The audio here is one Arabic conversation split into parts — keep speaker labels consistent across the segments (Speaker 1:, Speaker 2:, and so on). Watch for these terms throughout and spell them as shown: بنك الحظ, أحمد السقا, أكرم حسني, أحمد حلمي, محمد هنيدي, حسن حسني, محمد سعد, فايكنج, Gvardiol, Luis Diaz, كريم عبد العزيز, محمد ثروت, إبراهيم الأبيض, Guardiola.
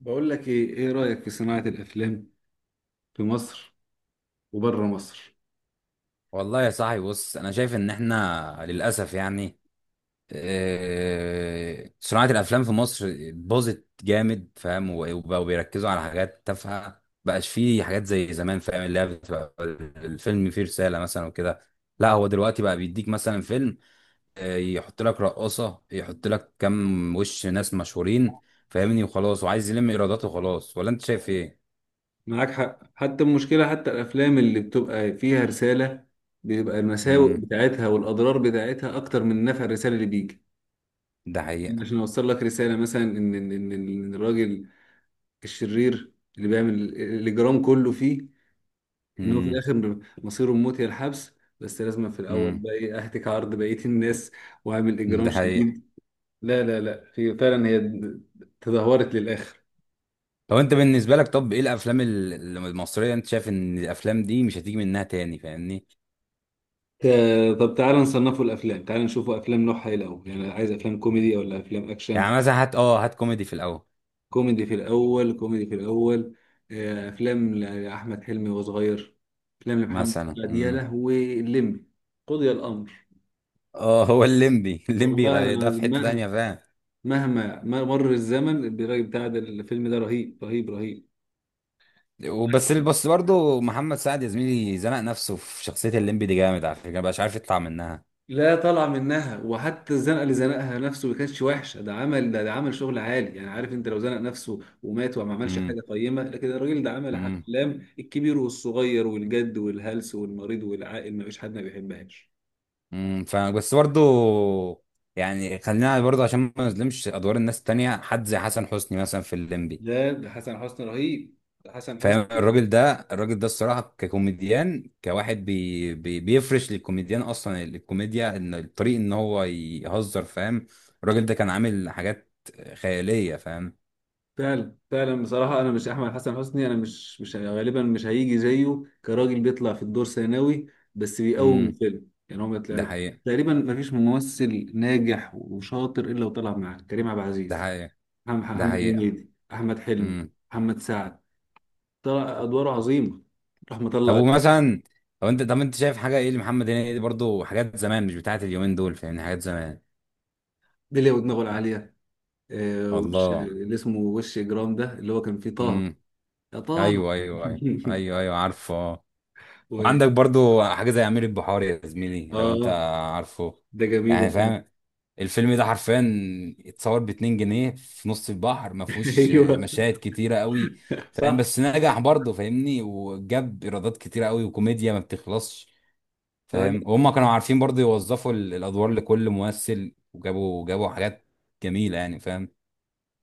Speaker 1: بقول لك ايه رأيك في صناعة الافلام في مصر وبره مصر؟
Speaker 2: والله يا صاحبي، بص، انا شايف ان احنا للاسف يعني صناعه الافلام في مصر باظت جامد. فاهم؟ وبقوا بيركزوا على حاجات تافهه، بقاش فيه حاجات زي زمان. فاهم؟ اللي هي بتبقى الفيلم فيه رساله مثلا وكده. لا، هو دلوقتي بقى بيديك مثلا فيلم، يحط لك رقاصه، يحط لك كام وش ناس مشهورين، فاهمني؟ وخلاص، وعايز يلم ايراداته وخلاص. ولا انت شايف ايه؟
Speaker 1: معاك حق، حتى المشكلة، حتى الافلام اللي بتبقى فيها رسالة بيبقى المساوئ
Speaker 2: امم.
Speaker 1: بتاعتها والاضرار بتاعتها اكتر من نفع الرسالة اللي بيجي.
Speaker 2: ده حقيقه.
Speaker 1: عشان اوصل لك رسالة مثلا ان ان ان إن الراجل الشرير اللي بيعمل الاجرام كله فيه، ان هو في
Speaker 2: امم.
Speaker 1: الاخر مصيره الموت يا الحبس، بس لازم في الاول
Speaker 2: امم.
Speaker 1: بقى ايه اهتك عرض بقية الناس واعمل اجرام
Speaker 2: ده حقيقه.
Speaker 1: شديد. لا لا لا، هي فعلا هي تدهورت للاخر.
Speaker 2: طب انت بالنسبه لك، طب ايه الافلام المصريه، انت شايف ان الافلام دي مش هتيجي منها تاني؟ فاهمني؟
Speaker 1: طب تعالى نصنفه الافلام، تعالى نشوفه افلام نوعها ايه الاول، يعني عايز افلام كوميدي ولا افلام اكشن؟
Speaker 2: يعني مثلا هات، هات كوميدي في الاول.
Speaker 1: كوميدي في الاول، كوميدي في الاول. افلام لاحمد حلمي وهو صغير، افلام لمحمد
Speaker 2: مثلا.
Speaker 1: سعد، يا
Speaker 2: امم.
Speaker 1: لهوي اللمبي! قضي الامر.
Speaker 2: اه، هو الليمبي الليمبي
Speaker 1: والله
Speaker 2: ده في
Speaker 1: العظيم
Speaker 2: حته
Speaker 1: مهما
Speaker 2: تانية. فاهم؟
Speaker 1: مهما ما مر الزمن، الراجل بتاع ده، الفيلم ده رهيب رهيب رهيب.
Speaker 2: وبس بس برضه محمد سعد، يا زميلي، زنق نفسه في شخصيه الليمبي دي جامد، على فكره، مبقاش عارف يطلع منها.
Speaker 1: لا طالعه منها، وحتى الزنقه اللي زنقها نفسه ما كانتش وحشه، ده عمل، ده عمل شغل عالي، يعني عارف انت لو زنق نفسه ومات وما عملش
Speaker 2: امم.
Speaker 1: حاجه قيمه، لكن الراجل ده عمل
Speaker 2: امم.
Speaker 1: افلام الكبير والصغير والجد والهلس والمريض والعاقل، ما فيش حد ما بيحبهاش.
Speaker 2: امم. فاهم؟ بس برضه يعني خلينا برضه عشان ما نظلمش ادوار الناس التانية، حد زي حسن حسني مثلا في الليمبي.
Speaker 1: ده حسن حسني رهيب، ده حسن
Speaker 2: فاهم؟
Speaker 1: حسني.
Speaker 2: الراجل ده، الراجل ده، الصراحه، ككوميديان، كواحد بي بي بيفرش للكوميديان اصلا الكوميديا، ان الطريق ان هو يهزر. فاهم؟ الراجل ده كان عامل حاجات خياليه. فاهم؟
Speaker 1: فعلا فعلا بصراحة أنا مش أحمد حسن حسني، أنا مش غالبا مش هيجي زيه كراجل بيطلع في الدور ثانوي بس بيقوم
Speaker 2: امم.
Speaker 1: الفيلم، يعني هو ما
Speaker 2: ده
Speaker 1: طلع-
Speaker 2: حقيقه.
Speaker 1: تقريبا ما فيش ممثل ناجح وشاطر إلا وطلع معاه كريم عبد
Speaker 2: ده
Speaker 1: العزيز،
Speaker 2: حقيقه.
Speaker 1: محمد
Speaker 2: ده
Speaker 1: محمد
Speaker 2: حقيقه.
Speaker 1: هنيدي، أحمد حلمي،
Speaker 2: امم.
Speaker 1: محمد سعد، طلع أدواره عظيمة راح
Speaker 2: طب
Speaker 1: مطلع.
Speaker 2: ومثلا، طب انت، طب انت شايف حاجه ايه لمحمد هنيدي برضو؟ حاجات زمان، مش بتاعت اليومين دول. فاهمني؟ حاجات زمان.
Speaker 1: بلية ودماغه العالية، وش
Speaker 2: الله.
Speaker 1: اللي اسمه، وش إجرام ده اللي هو كان فيه طه،
Speaker 2: امم.
Speaker 1: يا طه.
Speaker 2: ايوه، ايوه، ايوه، ايوه، ايوه، عارفه.
Speaker 1: و...
Speaker 2: وعندك برضو حاجة زي أمير البحار، يا زميلي، لو أنت
Speaker 1: آه
Speaker 2: عارفه.
Speaker 1: ده جميل
Speaker 2: يعني
Speaker 1: وفعلا.
Speaker 2: فاهم؟ الفيلم ده حرفيا اتصور باتنين جنيه في نص البحر، ما فيهوش
Speaker 1: ايوه
Speaker 2: مشاهد كتيرة قوي. فاهم؟
Speaker 1: صح.
Speaker 2: بس نجح برضه، فاهمني؟ وجاب ايرادات كتيرة قوي وكوميديا ما بتخلصش.
Speaker 1: صحيح،
Speaker 2: فاهم؟ وهم كانوا عارفين برضه يوظفوا الادوار لكل ممثل، وجابوا جابوا حاجات جميلة، يعني فاهم؟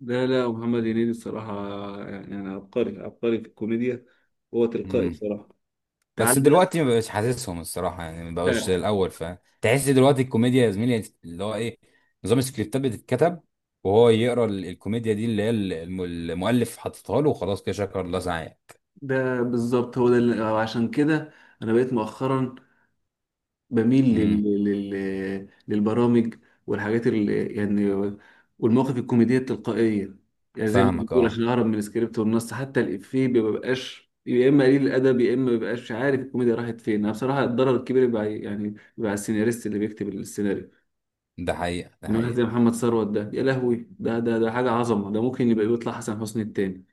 Speaker 1: لا لا، محمد هنيدي الصراحة، يعني أنا عبقري عبقري في الكوميديا، هو تلقائي
Speaker 2: مم.
Speaker 1: بصراحة،
Speaker 2: بس
Speaker 1: تعال بقى.
Speaker 2: دلوقتي ما بقاش حاسسهم الصراحه، يعني ما بقوش زي
Speaker 1: ده
Speaker 2: الاول، فتحس دلوقتي الكوميديا، يا زميلي، اللي هو ايه، نظام السكريبتات بتتكتب وهو يقرا الكوميديا دي اللي هي المؤلف حاططها له وخلاص، كده شكر الله سعيه.
Speaker 1: ده بالظبط هو ده اللي عشان كده أنا بقيت مؤخرا بميل
Speaker 2: امم.
Speaker 1: للبرامج والحاجات اللي يعني، والمواقف الكوميدية التلقائية، يعني زي ما
Speaker 2: فاهمك.
Speaker 1: بتقول
Speaker 2: اه.
Speaker 1: عشان أهرب من السكريبت والنص، حتى الإفيه ما بيبقاش، يا إما قليل الأدب، يا إما ما بيبقاش عارف الكوميديا راحت فين، أنا بصراحة الضرر الكبير بيبقى يعني بيبقى على السيناريست اللي بيكتب السيناريو.
Speaker 2: ده حقيقه. ده
Speaker 1: من واحد زي
Speaker 2: حقيقه.
Speaker 1: محمد ثروت ده، يا لهوي، ده حاجة عظمة، ده ممكن يبقى يطلع حسن حسني التاني،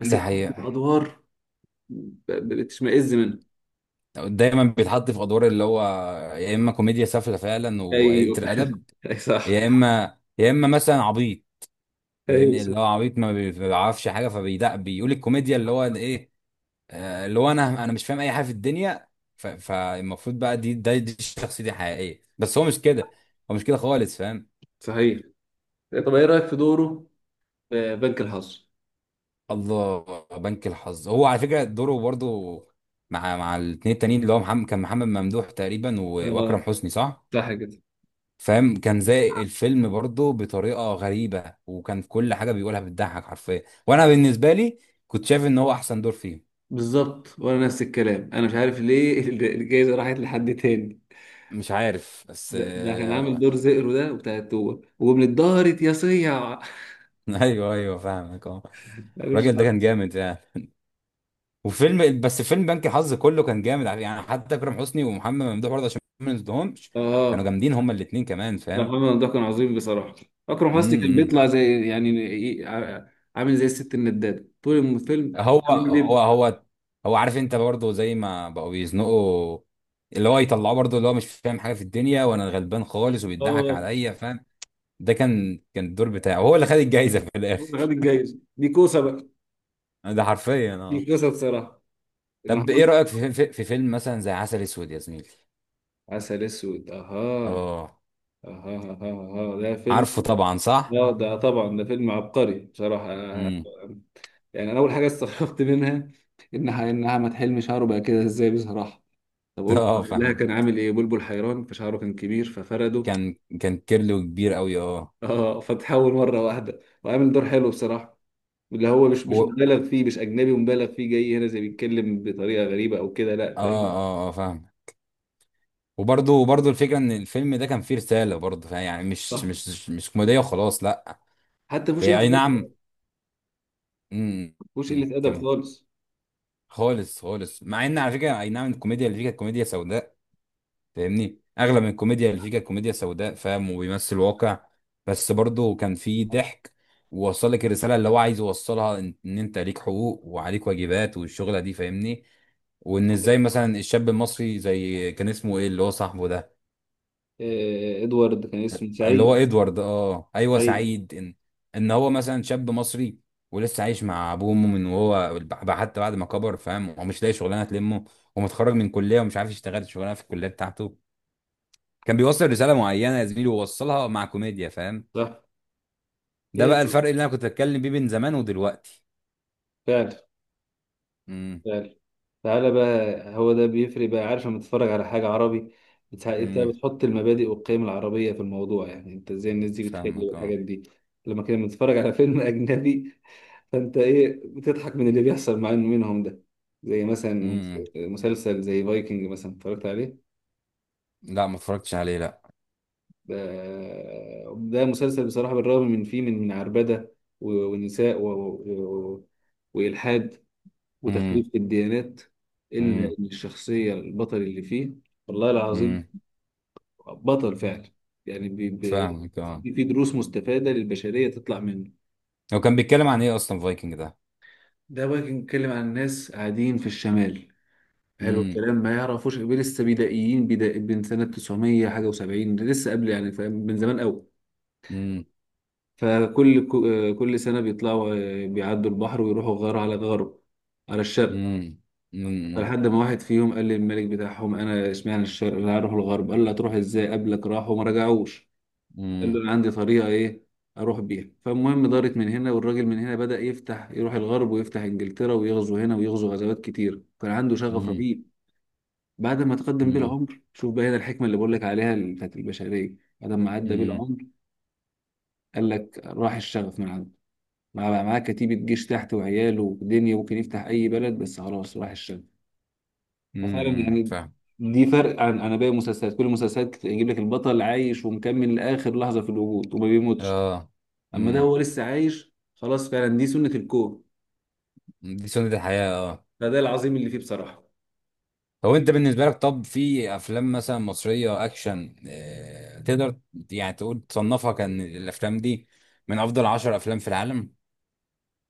Speaker 1: بس
Speaker 2: ده
Speaker 1: يتحط في
Speaker 2: حقيقه.
Speaker 1: أدوار بتشمئز منها.
Speaker 2: دايما بيتحط في ادوار اللي هو يا اما كوميديا سافله فعلا وقليله
Speaker 1: أيوه،
Speaker 2: الادب،
Speaker 1: أي صح،
Speaker 2: يا اما يا اما مثلا عبيط.
Speaker 1: أيوه
Speaker 2: يعني اللي هو
Speaker 1: صح.
Speaker 2: عبيط ما بيعرفش حاجه، فبيدق بيقول الكوميديا اللي هو ايه، اللي هو انا مش فاهم اي حاجه في الدنيا. فالمفروض بقى دي شخصيتي الحقيقيه، بس هو مش كده. هو مش كده خالص. فاهم؟
Speaker 1: صحيح، طب إيه رأيك في دوره في بنك الحظ؟
Speaker 2: الله. بنك الحظ هو على فكره دوره برضه مع الاثنين التانيين، اللي هو محمد، كان محمد ممدوح تقريبا، واكرم
Speaker 1: اه،
Speaker 2: حسني. صح؟
Speaker 1: صح كده.
Speaker 2: فاهم؟ كان زي الفيلم برضه بطريقه غريبه، وكان كل حاجه بيقولها بتضحك حرفيا. وانا بالنسبه لي كنت شايف ان هو احسن دور فيهم.
Speaker 1: بالظبط، وأنا نفس الكلام، أنا مش عارف ليه الجايزة راحت لحد تاني.
Speaker 2: مش عارف بس
Speaker 1: ده كان عامل دور زئرو ده وبتاع التوه، ومن اتدهرت يا صيع.
Speaker 2: ايوه، ايوه، فاهمك. اه.
Speaker 1: أنا مش
Speaker 2: الراجل ده كان
Speaker 1: عارف.
Speaker 2: جامد، يعني. وفيلم، بس فيلم بنك الحظ كله كان جامد. على- يعني حتى اكرم حسني ومحمد ممدوح برضه عشان ما نسدهمش، كانوا
Speaker 1: اه،
Speaker 2: جامدين هما الاثنين كمان.
Speaker 1: لا
Speaker 2: فاهم؟
Speaker 1: محمد ده كان عظيم بصراحة، أكرم حسني
Speaker 2: امم.
Speaker 1: كان
Speaker 2: إمم.
Speaker 1: بيطلع زي، يعني عامل زي الست الندادة طول الفيلم
Speaker 2: هو
Speaker 1: بيكذب.
Speaker 2: هو هو هو عارف انت برضه زي ما بقوا بيزنقوا، اللي هو يطلعوه برضه، اللي هو مش فاهم حاجه في الدنيا وانا غلبان خالص، وبيضحك
Speaker 1: اه،
Speaker 2: عليا. فاهم؟ ده كان، كان الدور بتاعه هو اللي خد الجايزه في
Speaker 1: هو خد
Speaker 2: الاخر.
Speaker 1: الجايزة دي كوسة بقى،
Speaker 2: ده حرفيا.
Speaker 1: دي
Speaker 2: اه.
Speaker 1: كوسة بصراحة،
Speaker 2: طب
Speaker 1: محمد.
Speaker 2: ايه رايك في فيلم مثلا زي عسل اسود، يا زميلي؟
Speaker 1: عسل أسود، أها
Speaker 2: اه،
Speaker 1: أها أها أها، ده فيلم،
Speaker 2: عارفه طبعا. صح.
Speaker 1: اه ده طبعا ده فيلم عبقري بصراحة.
Speaker 2: امم.
Speaker 1: يعني أنا أول حاجة استغربت منها، إنها ما تحلمش شعره بقى كده إزاي بصراحة، طب قلت
Speaker 2: اه،
Speaker 1: لها
Speaker 2: فاهمك.
Speaker 1: كان عامل إيه بلبل حيران، فشعره كان كبير ففرده.
Speaker 2: كان كيرلو كبير قوي، اه.
Speaker 1: اه، فتحول مره واحده وعامل دور حلو بصراحه، اللي هو مش مش
Speaker 2: اه.
Speaker 1: مبالغ فيه، مش اجنبي ومبالغ فيه جاي هنا زي بيتكلم بطريقه غريبه او كده، لا
Speaker 2: اه.
Speaker 1: فاهم.
Speaker 2: اه. فاهم. وبرضه الفكره ان الفيلم ده كان فيه رساله برضه. فاهم؟ يعني مش
Speaker 1: صح،
Speaker 2: مش مش كوميديه وخلاص، لا.
Speaker 1: حتى مفيش
Speaker 2: هي اي
Speaker 1: قله
Speaker 2: نعم.
Speaker 1: ادب،
Speaker 2: امم.
Speaker 1: مفيش
Speaker 2: أمم،
Speaker 1: قله ادب
Speaker 2: كم.
Speaker 1: خالص.
Speaker 2: خالص، خالص، مع ان على فكره اي نعم، الكوميديا اللي فيه كانت كوميديا سوداء. فاهمني؟ اغلب الكوميديا اللي فيه كانت كوميديا سوداء. فاهم؟ وبيمثل واقع. بس برضه كان فيه ضحك، ووصل لك الرساله اللي هو عايز يوصلها، إن انت ليك حقوق وعليك واجبات، والشغله دي. فاهمني؟ وان ازاي
Speaker 1: صحيح.
Speaker 2: مثلا الشاب المصري زي، كان اسمه ايه، اللي هو صاحبه ده،
Speaker 1: ادوارد كان اسمه
Speaker 2: اللي
Speaker 1: سعيد،
Speaker 2: هو ادوارد. اه، ايوه،
Speaker 1: سعيد،
Speaker 2: سعيد. ان ان هو مثلا شاب مصري، ولسه عايش مع ابوه وامه من وهو حتى بعد ما كبر. فاهم؟ ومش لاقي شغلانه تلمه، ومتخرج من كليه ومش عارف يشتغل الشغلانه في الكليه بتاعته. كان بيوصل رساله معينه، يا زميلي، ووصلها مع كوميديا. فاهم؟
Speaker 1: صح.
Speaker 2: ده
Speaker 1: هي
Speaker 2: بقى
Speaker 1: دي
Speaker 2: الفرق اللي انا كنت اتكلم بيه بين زمان ودلوقتي.
Speaker 1: فعلا
Speaker 2: امم.
Speaker 1: فعلا. تعالى بقى، هو ده بيفرق بقى، عارف لما تتفرج على حاجه عربي انت
Speaker 2: امم.
Speaker 1: بتحط المبادئ والقيم العربيه في الموضوع، يعني انت ازاي الناس دي بتخلي
Speaker 2: فاهمك. اه.
Speaker 1: بالحاجات دي. لما كنا بنتفرج على فيلم اجنبي، فانت ايه بتضحك من اللي بيحصل مع منهم ده، زي مثلا
Speaker 2: امم.
Speaker 1: مسلسل زي فايكنج مثلا اتفرجت عليه.
Speaker 2: لا، ما اتفرجتش عليه، لا.
Speaker 1: ده ده مسلسل بصراحة، بالرغم من فيه من عربدة و- ونساء و... و... وإلحاد
Speaker 2: امم.
Speaker 1: وتخريب في الديانات، إلا
Speaker 2: امم.
Speaker 1: إن الشخصية البطل اللي فيه، والله العظيم،
Speaker 2: امم.
Speaker 1: بطل فعلا، يعني
Speaker 2: فاهمك. اه.
Speaker 1: في دروس مستفادة للبشرية تطلع منه.
Speaker 2: هو كان بيتكلم عن ايه اصلا فايكنج ده؟
Speaker 1: ده فايكنج بيتكلم عن ناس قاعدين في الشمال، حلو
Speaker 2: امم.
Speaker 1: الكلام، ما يعرفوش لسه بدائيين، بدا من سنه 900 حاجه و70، لسه قبل يعني فاهم، من زمان قوي.
Speaker 2: امم.
Speaker 1: فكل كل سنه بيطلعوا، بيعدوا البحر ويروحوا غار على غرب، على الشرق.
Speaker 2: امم. امم.
Speaker 1: فلحد ما واحد فيهم قال للملك بتاعهم: انا اشمعنى الشرق، انا هروح الغرب، قال له: هتروح ازاي، قبلك راحوا وما رجعوش، قال
Speaker 2: امم.
Speaker 1: له: انا عندي طريقه ايه اروح بيها، فالمهم دارت من هنا، والراجل من هنا بدأ يفتح، يروح الغرب ويفتح انجلترا ويغزو هنا ويغزو غزوات كتير، كان عنده شغف
Speaker 2: امم.
Speaker 1: رهيب. بعد ما تقدم بيه
Speaker 2: امم.
Speaker 1: العمر، شوف بقى هنا الحكمة اللي بقول لك عليها، اللي بتاعت البشرية، بعد ما عدى بيه
Speaker 2: امم.
Speaker 1: العمر، قال لك راح الشغف من عنده، معاه كتيبة جيش تحت وعياله ودنيا، ممكن يفتح أي بلد، بس خلاص راح الشغف. ففعلا
Speaker 2: امم.
Speaker 1: يعني
Speaker 2: فاهم.
Speaker 1: دي فرق عن باقي المسلسلات، كل المسلسلات يجيب لك البطل عايش ومكمل لآخر لحظة في الوجود وما بيموتش،
Speaker 2: اه.
Speaker 1: أما ده
Speaker 2: امم.
Speaker 1: هو لسه عايش خلاص، فعلا دي سنة الكون.
Speaker 2: دي سنة الحياة. اه.
Speaker 1: فده العظيم اللي فيه بصراحة.
Speaker 2: لو انت بالنسبه لك، طب في افلام مثلا مصريه اكشن، تقدر يعني تقول تصنفها كان الافلام دي من افضل عشر افلام في العالم؟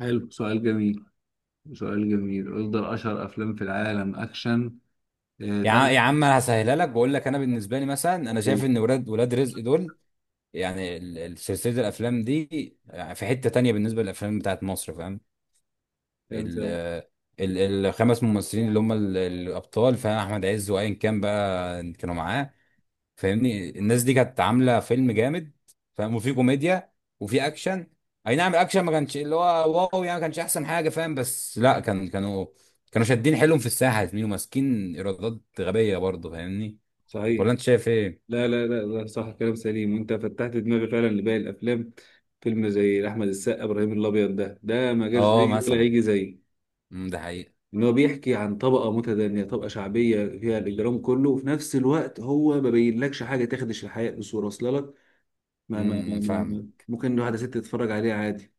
Speaker 1: حلو، سؤال جميل، سؤال جميل، افضل اشهر افلام في العالم اكشن، تعرف.
Speaker 2: يا عم، انا هسهلها لك واقول لك، انا بالنسبه لي مثلا، انا شايف ان ولاد رزق دول، يعني سلسله الافلام دي، يعني في حته تانية بالنسبه للافلام بتاعت مصر. فاهم؟
Speaker 1: كلام
Speaker 2: ال
Speaker 1: سليم.
Speaker 2: ال- الخمس ممثلين اللي هم الابطال، فاهم، احمد عز وايا كان بقى كانوا معاه، فاهمني، الناس دي كانت عامله فيلم جامد. فاهم؟ وفي كوميديا، وفي اكشن. اي نعم الاكشن ما كانش اللي هو واو، يعني ما كانش احسن حاجه. فاهم؟ بس لا، كانوا شادين حيلهم في الساحه، يا زميلي، وماسكين ايرادات غبيه برضه. فاهمني؟
Speaker 1: صحيح،
Speaker 2: ولا انت شايف ايه؟
Speaker 1: لا لا لا لا صح، كلام سليم، وانت فتحت دماغي فعلا لباقي الافلام، فيلم زي احمد السقا، ابراهيم الابيض، ده ما جاش
Speaker 2: اه،
Speaker 1: ليه ولا
Speaker 2: مثلا.
Speaker 1: هيجي زيه.
Speaker 2: امم. ده حقيقه.
Speaker 1: ان هو بيحكي عن طبقه متدنيه، طبقه شعبيه فيها الاجرام كله، وفي نفس الوقت هو ما بينلكش حاجه تخدش الحياه بصوره واصله لك،
Speaker 2: امم. فاهم.
Speaker 1: ممكن واحده ست تتفرج عليه عادي.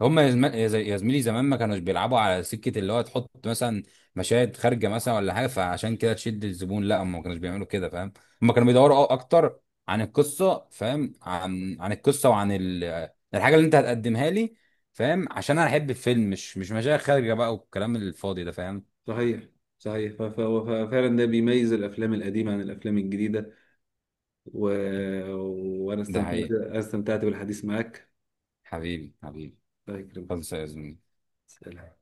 Speaker 2: هم يا زم- يا زي- يا زميلي، زمان ما كانوش بيلعبوا على سكة اللي هو تحط مثلا مشاهد خارجة مثلا ولا حاجة فعشان كده تشد الزبون. لا، هم ما كانوش بيعملوا كده. فاهم؟ هم كانوا بيدوروا اكتر عن القصة. فاهم؟ عن القصة، وعن الحاجة اللي انت هتقدمها لي. فاهم؟ عشان انا احب الفيلم، مش مشاهد خارجة بقى والكلام الفاضي ده. فاهم؟
Speaker 1: صحيح، صحيح، ففعلا ده بيميز الافلام القديمه عن الافلام الجديده، و... وانا
Speaker 2: ده
Speaker 1: استمتعت،
Speaker 2: حقيقي.
Speaker 1: استمتعت بالحديث معك.
Speaker 2: حبيبي، حبيبي.
Speaker 1: الله يكرمك،
Speaker 2: خلص يا زميلي.
Speaker 1: سلام.